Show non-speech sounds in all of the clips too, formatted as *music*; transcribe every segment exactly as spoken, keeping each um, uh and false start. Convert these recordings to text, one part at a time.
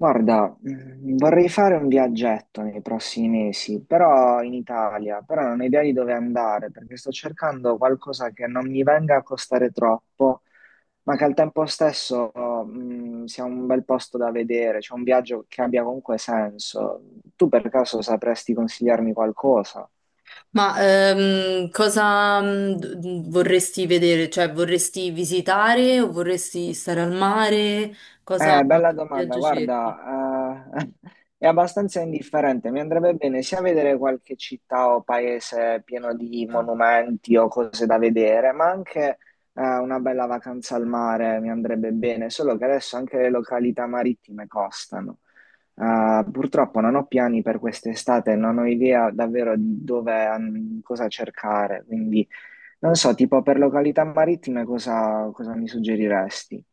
Guarda, mm, vorrei fare un viaggetto nei prossimi mesi, però in Italia, però non ho idea di dove andare, perché sto cercando qualcosa che non mi venga a costare troppo, ma che al tempo stesso, mm, sia un bel posto da vedere, cioè un viaggio che abbia comunque senso. Tu per caso sapresti consigliarmi qualcosa? Ma ehm, cosa mm, d- d- vorresti vedere? Cioè, vorresti visitare o vorresti stare al mare? Cosa Eh, bella che domanda, viaggio cerchi? guarda, eh, *laughs* è abbastanza indifferente, mi andrebbe bene sia vedere qualche città o paese pieno di monumenti o cose da vedere, ma anche eh, una bella vacanza al mare mi andrebbe bene, solo che adesso anche le località marittime costano. Eh, purtroppo non ho piani per quest'estate, non ho idea davvero di dove, an- cosa cercare, quindi non so, tipo per località marittime cosa cosa mi suggeriresti?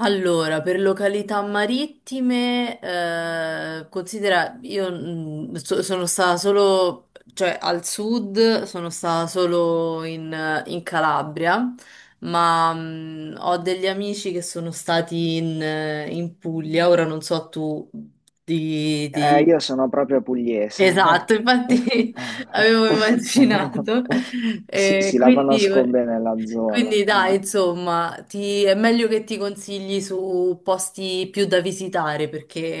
Allora, per località marittime, eh, considera, io mm, so- sono stata solo, cioè al sud, sono stata solo in, in Calabria, ma mm, ho degli amici che sono stati in, in Puglia, ora non so tu di, Eh, di. io sono proprio pugliese. Esatto, infatti, *laughs* avevo immaginato. Sì, Eh, sì, la quindi, conosco bene la zona. quindi dai, insomma, ti- è meglio che ti consigli su posti più da visitare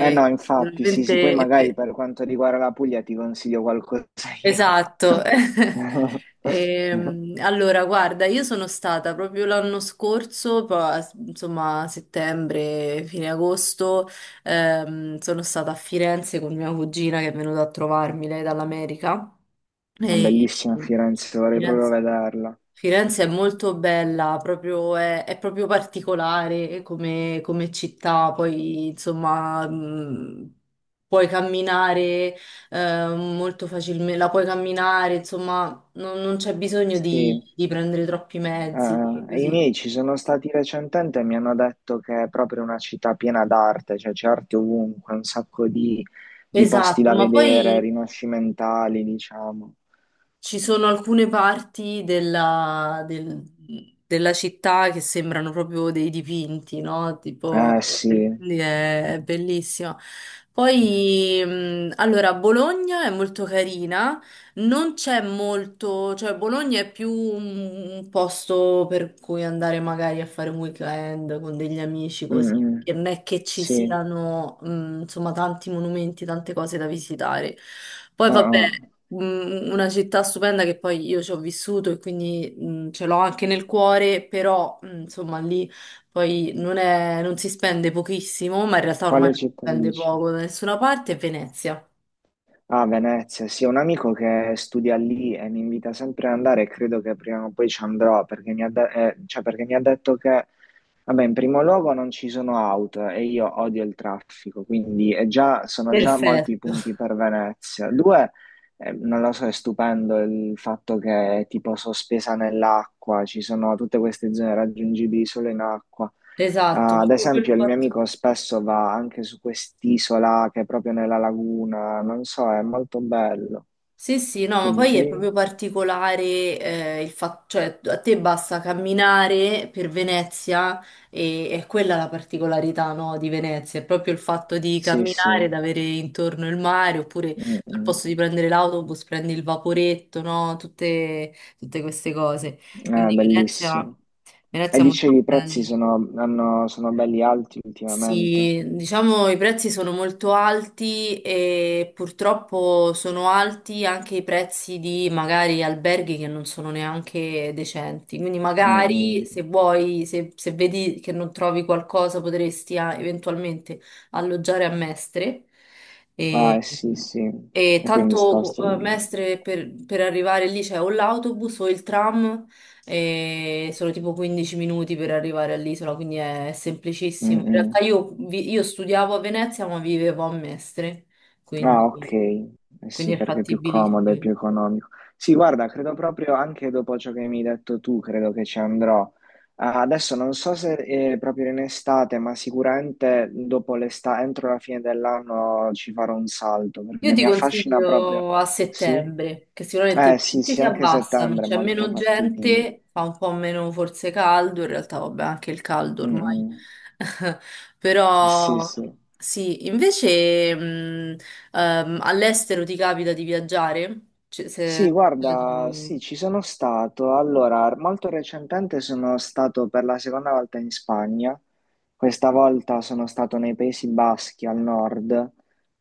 Eh no, infatti, sì, sì, poi veramente... magari per quanto riguarda la Puglia ti consiglio qualcosa io. Esatto. *laughs* Una Ehm, allora, guarda, io sono stata proprio l'anno scorso, poi, insomma, settembre, fine agosto, ehm, sono stata a Firenze con mia cugina che è venuta a trovarmi, lei dall'America. E Bellissima Firenze, vorrei proprio Firenze, vederla. Firenze è molto bella, proprio- è, è proprio particolare come, come città, poi insomma mh, puoi camminare eh, molto facilmente, la puoi camminare, insomma non, non c'è bisogno Sì, di, di prendere troppi mezzi, eh, i così. miei ci sono stati recentemente e mi hanno detto che è proprio una città piena d'arte, cioè c'è arte ovunque, un sacco di di posti Esatto, da ma vedere, poi rinascimentali, diciamo. ci sono alcune parti della, del- della città che sembrano proprio dei dipinti, no? Tipo, Eh sì. e quindi è, è Mm, bellissima. Poi, mh, allora, Bologna è molto carina, non c'è molto, cioè Bologna è più un, un posto per cui andare magari a fare un weekend con degli amici mm, così. Che mm, non è che ci sì. siano, mh, insomma, tanti monumenti, tante cose da visitare. Poi Ah, vabbè, ah. mm, una città stupenda che poi io ci ho vissuto e quindi mm, ce l'ho anche nel cuore, però mm, insomma lì poi non è- non si spende pochissimo, ma in realtà ormai Quale non si città spende dici? poco da nessuna parte, è Venezia. Ah, Venezia, sì, ho un amico che studia lì e mi invita sempre ad andare e credo che prima o poi ci andrò perché mi ha, de- eh, cioè, perché mi ha detto che, vabbè, in primo luogo non ci sono auto e io odio il traffico, quindi è già- sono già molti i Perfetto, punti *laughs* per Venezia. Due, eh, non lo so, è stupendo il fatto che è tipo sospesa nell'acqua, ci sono tutte queste zone raggiungibili solo in acqua. esatto, Ah, ad proprio quel esempio, il mio fatto. amico spesso va anche su quest'isola che è proprio nella laguna, non so, è molto bello. Sì, sì, no, Che ma poi è dicevi? proprio particolare, eh, il fatto, cioè a te basta camminare per Venezia e è quella la particolarità, no, di Venezia, è proprio il fatto di Sì, sì, camminare, ed avere intorno il mare, oppure Mm, al mm. posto di prendere l'autobus prendi il vaporetto, no, tutte, tutte queste cose. È Quindi Venezia, bellissimo. E Venezia è molto dicevi, i bella. prezzi sono, hanno- sono belli alti ultimamente. Sì, diciamo i prezzi sono molto alti e purtroppo sono alti anche i prezzi di magari alberghi che non sono neanche decenti. Quindi Mm, magari mm. se vuoi, se, se vedi che non trovi qualcosa, potresti ah, eventualmente alloggiare a Mestre. Ah, eh, E, sì, sì. e E poi mi tanto sposto eh, di lì. Mestre per, per arrivare lì c'è o l'autobus o il tram e sono tipo quindici minuti per arrivare all'isola, quindi è Mm, semplicissimo. In realtà mm. io, vi- io studiavo a Venezia, ma vivevo a Mestre, Ah, quindi, ok, Eh quindi sì, è perché è più comodo, è fattibilissimo. più economico. Sì, guarda, credo proprio anche dopo ciò che mi hai detto tu, credo che ci andrò. Ah, adesso non so se eh, proprio in estate, ma sicuramente dopo l'estate, entro la fine dell'anno ci farò un salto, perché Io ti eh, mi affascina proprio. consiglio a Sì? settembre, che sicuramente i Eh sì, prezzi sì, si anche abbassano, settembre è c'è molto meno fattibile. gente, fa un po' meno forse caldo, in realtà vabbè anche il caldo Mm, ormai, mm. *laughs* Eh, Sì, però sì. sì, invece mh, ehm, all'estero ti capita di viaggiare? Cioè, Sì, se... guarda, sì, ci sono stato. Allora, molto recentemente sono stato per la seconda volta in Spagna. Questa volta sono stato nei Paesi Baschi al nord.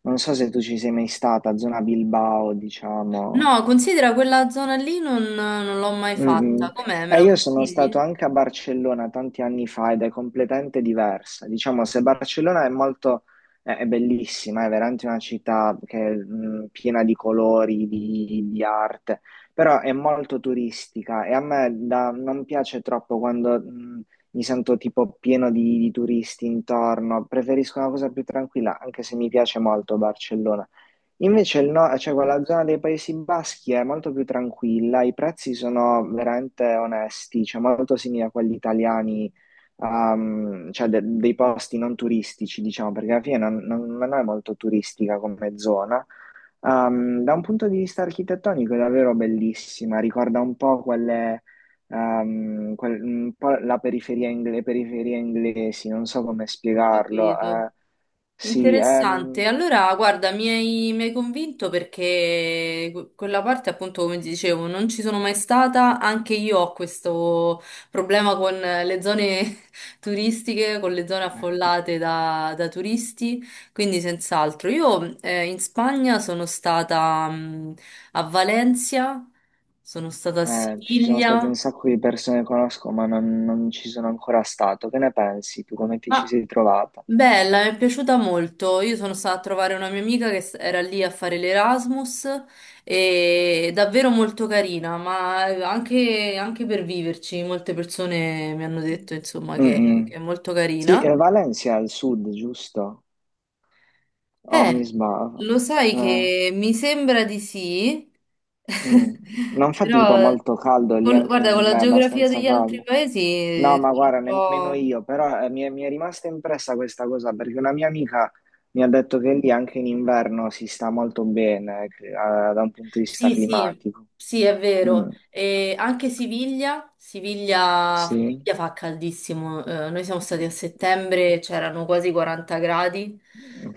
Non so se tu ci sei mai stata, zona Bilbao, diciamo. No, considera quella zona lì non, non l'ho mai Mm, mm. fatta, com'è? Me Eh, la Io sono consigli? stato anche a Barcellona tanti anni fa ed è completamente diversa. Diciamo, se Barcellona è molto, è è bellissima, è veramente una città che è mm, piena di colori, di, di arte, però è molto turistica e a me da- non piace troppo quando mm, mi sento tipo pieno di, di turisti intorno. Preferisco una cosa più tranquilla, anche se mi piace molto Barcellona. Invece il no- cioè, quella zona dei Paesi Baschi è molto più tranquilla, i prezzi sono veramente onesti, cioè molto simili a quelli italiani, ehm, cioè de- dei posti non turistici, diciamo, perché alla fine non, non- non è molto turistica come zona. Ehm, da un punto di vista architettonico è davvero bellissima, ricorda un po' quelle, ehm, quel- un po' la periferia ingle- le periferie inglesi, non so come Ho spiegarlo. capito. eh, sì, Interessante. ehm. Allora, guarda, mi hai, mi hai convinto perché que- quella parte, appunto, come ti dicevo, non ci sono mai stata. Anche io ho questo problema con le zone *laughs* turistiche, con le zone affollate da, da turisti, quindi senz'altro. Io eh, in Spagna sono stata mh, a Valencia, sono stata a Eh, ci sono state un Siviglia. sacco di persone che conosco, ma non, non ci sono ancora stato. Che ne pensi tu? Come ti ci Ah, sei trovata? bella, mi è piaciuta molto. Io sono stata a trovare una mia amica che s- era lì a fare l'Erasmus e è davvero molto carina, ma eh, anche, anche per viverci, molte persone mi hanno detto, insomma, che, che è Mm-mm. molto Sì, carina. eh, Valencia è al sud, giusto? Oh, mi Eh, sbaglio. lo sai Eh, che mi sembra di sì, mm. *laughs* Non fa tipo però molto caldo lì con- anche in guarda, con la inverno, è geografia abbastanza degli altri caldo. paesi No, ma sono un guarda, nemmeno po'... io, però eh, mi è, mi è rimasta impressa questa cosa perché una mia amica mi ha detto che lì anche in inverno si sta molto bene, eh, da un punto di vista Sì, sì, climatico. sì, è vero. Mm. E anche Siviglia, Siviglia, Sì. Siviglia fa caldissimo. Eh, noi siamo stati a settembre, c'erano quasi quaranta gradi,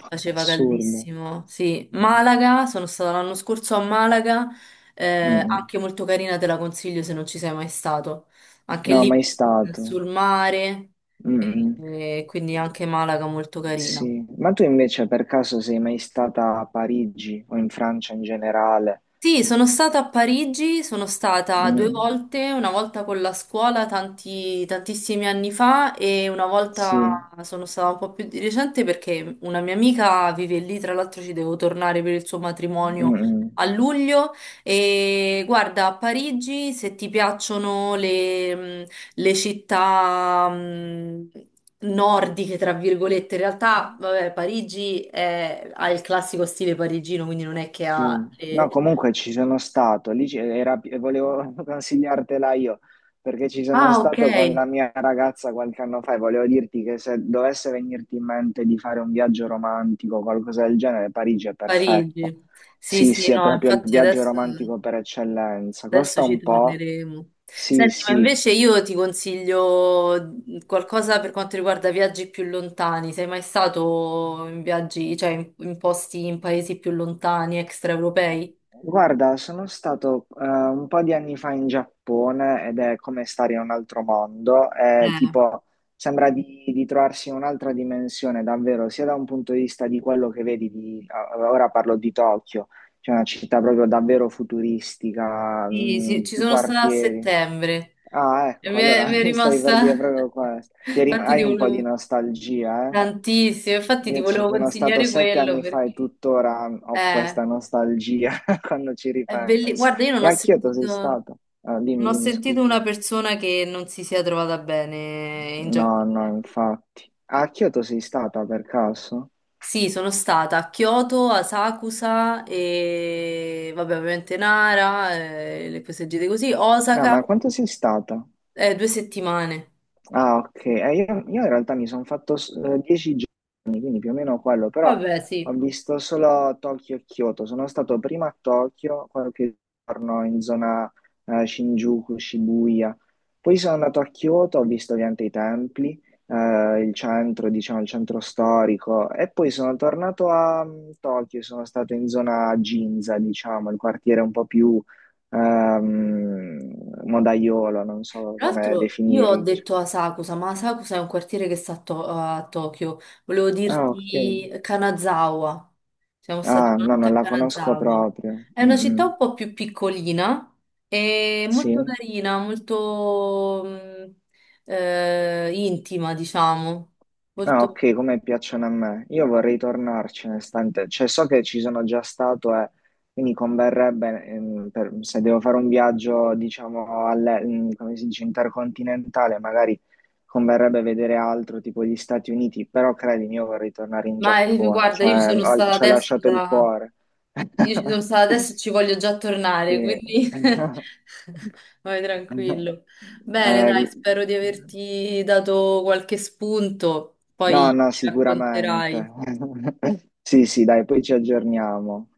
faceva Assurdo. caldissimo. Sì, Malaga, sono stata l'anno scorso a Malaga, eh, Mm. anche molto carina, te la consiglio se non ci sei mai stato. Anche No, lì mai stato. sul mare, e- Mm. e quindi anche Malaga molto carina. Sì, ma tu invece per caso sei mai stata a Parigi o in Francia in generale? Sì, sono stata a Parigi, sono stata due Mm. volte, una volta con la scuola tanti- tantissimi anni fa e una Sì. volta sono stata un po' più di recente perché una mia amica vive lì, tra l'altro ci devo tornare per il suo matrimonio Mm. a luglio e guarda, a Parigi se ti piacciono le, le città mh, nordiche, tra virgolette, in realtà, vabbè, Parigi è- ha il classico stile parigino, quindi non è che Sì, ha... no, le... comunque ci sono stato, lì c'era- era, e volevo *laughs* consigliartela io, perché ci sono Ah, ok, stato con la mia ragazza qualche anno fa e volevo dirti che se dovesse venirti in mente di fare un viaggio romantico o qualcosa del genere, Parigi è perfetta. Parigi. Sì, Sì, sì, sì, è no, proprio il infatti viaggio adesso, romantico per eccellenza. adesso Costa ci un po', torneremo. sì, Senti, ma sì, invece io ti consiglio qualcosa per quanto riguarda viaggi più lontani. Sei mai stato in viaggi, cioè in, in posti in paesi più lontani, extraeuropei? Guarda, sono stato eh, un po' di anni fa in Giappone ed è come stare in un altro mondo, è Eh, tipo sembra di, di trovarsi in un'altra dimensione davvero, sia da un punto di vista di quello che vedi, di, ah, ora parlo di Tokyo, cioè una città proprio davvero futuristica, sì, sì, mh, ci più sono stata a quartieri. settembre Ah, e ecco, mi è, allora mi *laughs* è mi stai per dire rimasta... proprio questo. *laughs* Ti rim- Infatti ti hai un po' di volevo... nostalgia, eh? Tantissimo, infatti ti Io ci volevo sono stato consigliare sette quello anni fa perché... e tuttora ho Eh, questa nostalgia *laughs* quando ci È belli- ripenso. guarda, io non E ho a Kyoto sei sentito, stato? Ah, non dimmi, ho dimmi, sentito scusa. una persona che non si sia trovata bene in Giappone. No, no, infatti. A Kyoto sei stata per caso? Sì, sono stata a Kyoto, a Sakusa e vabbè, ovviamente Nara, eh, le cose gite così, Ah, Osaka, ma quanto sei stata? eh, due settimane. Ah, ok. Eh, io, io in realtà mi sono fatto s- eh, dieci giorni, quindi più o meno quello, però Vabbè, ho sì. visto solo Tokyo e Kyoto. Sono stato prima a Tokyo, qualche giorno in zona eh, Shinjuku, Shibuya. Poi sono andato a Kyoto, ho visto ovviamente i templi, eh, il centro, diciamo, il centro storico. E poi sono tornato a mm, Tokyo, sono stato in zona Ginza, diciamo, il quartiere un po' più ehm, modaiolo, non so Tra come l'altro io ho definirlo. detto Asakusa, ma Asakusa è un quartiere che sta a, To- a Tokyo. Volevo Ah, ok. dirti Kanazawa. Siamo stati Ah, una no, notte a non la conosco Kanazawa. proprio. È Mm, una città mm. un po' più piccolina e molto Sì. carina, molto mh, eh, intima, diciamo. Ah, Molto... ok, come piacciono a me. Io vorrei tornarci un istante. Cioè, so che ci sono già stato e quindi converrebbe, ehm, per- se devo fare un viaggio, diciamo, alle- mm, come si dice, intercontinentale, magari converrebbe vedere altro, tipo gli Stati Uniti, però credimi, io vorrei tornare in Ma eh, Giappone. guarda, io ci Cioè, sono ho- stata ci ha adesso lasciato il già, cuore. io ci sono *laughs* stata adesso e ci voglio già tornare, Sì. quindi *laughs* *laughs* vai tranquillo. Bene, Eh, dai, spero di averti dato qualche spunto, poi no, no, mi sicuramente. racconterai. *laughs* Sì, sì, dai, poi ci aggiorniamo.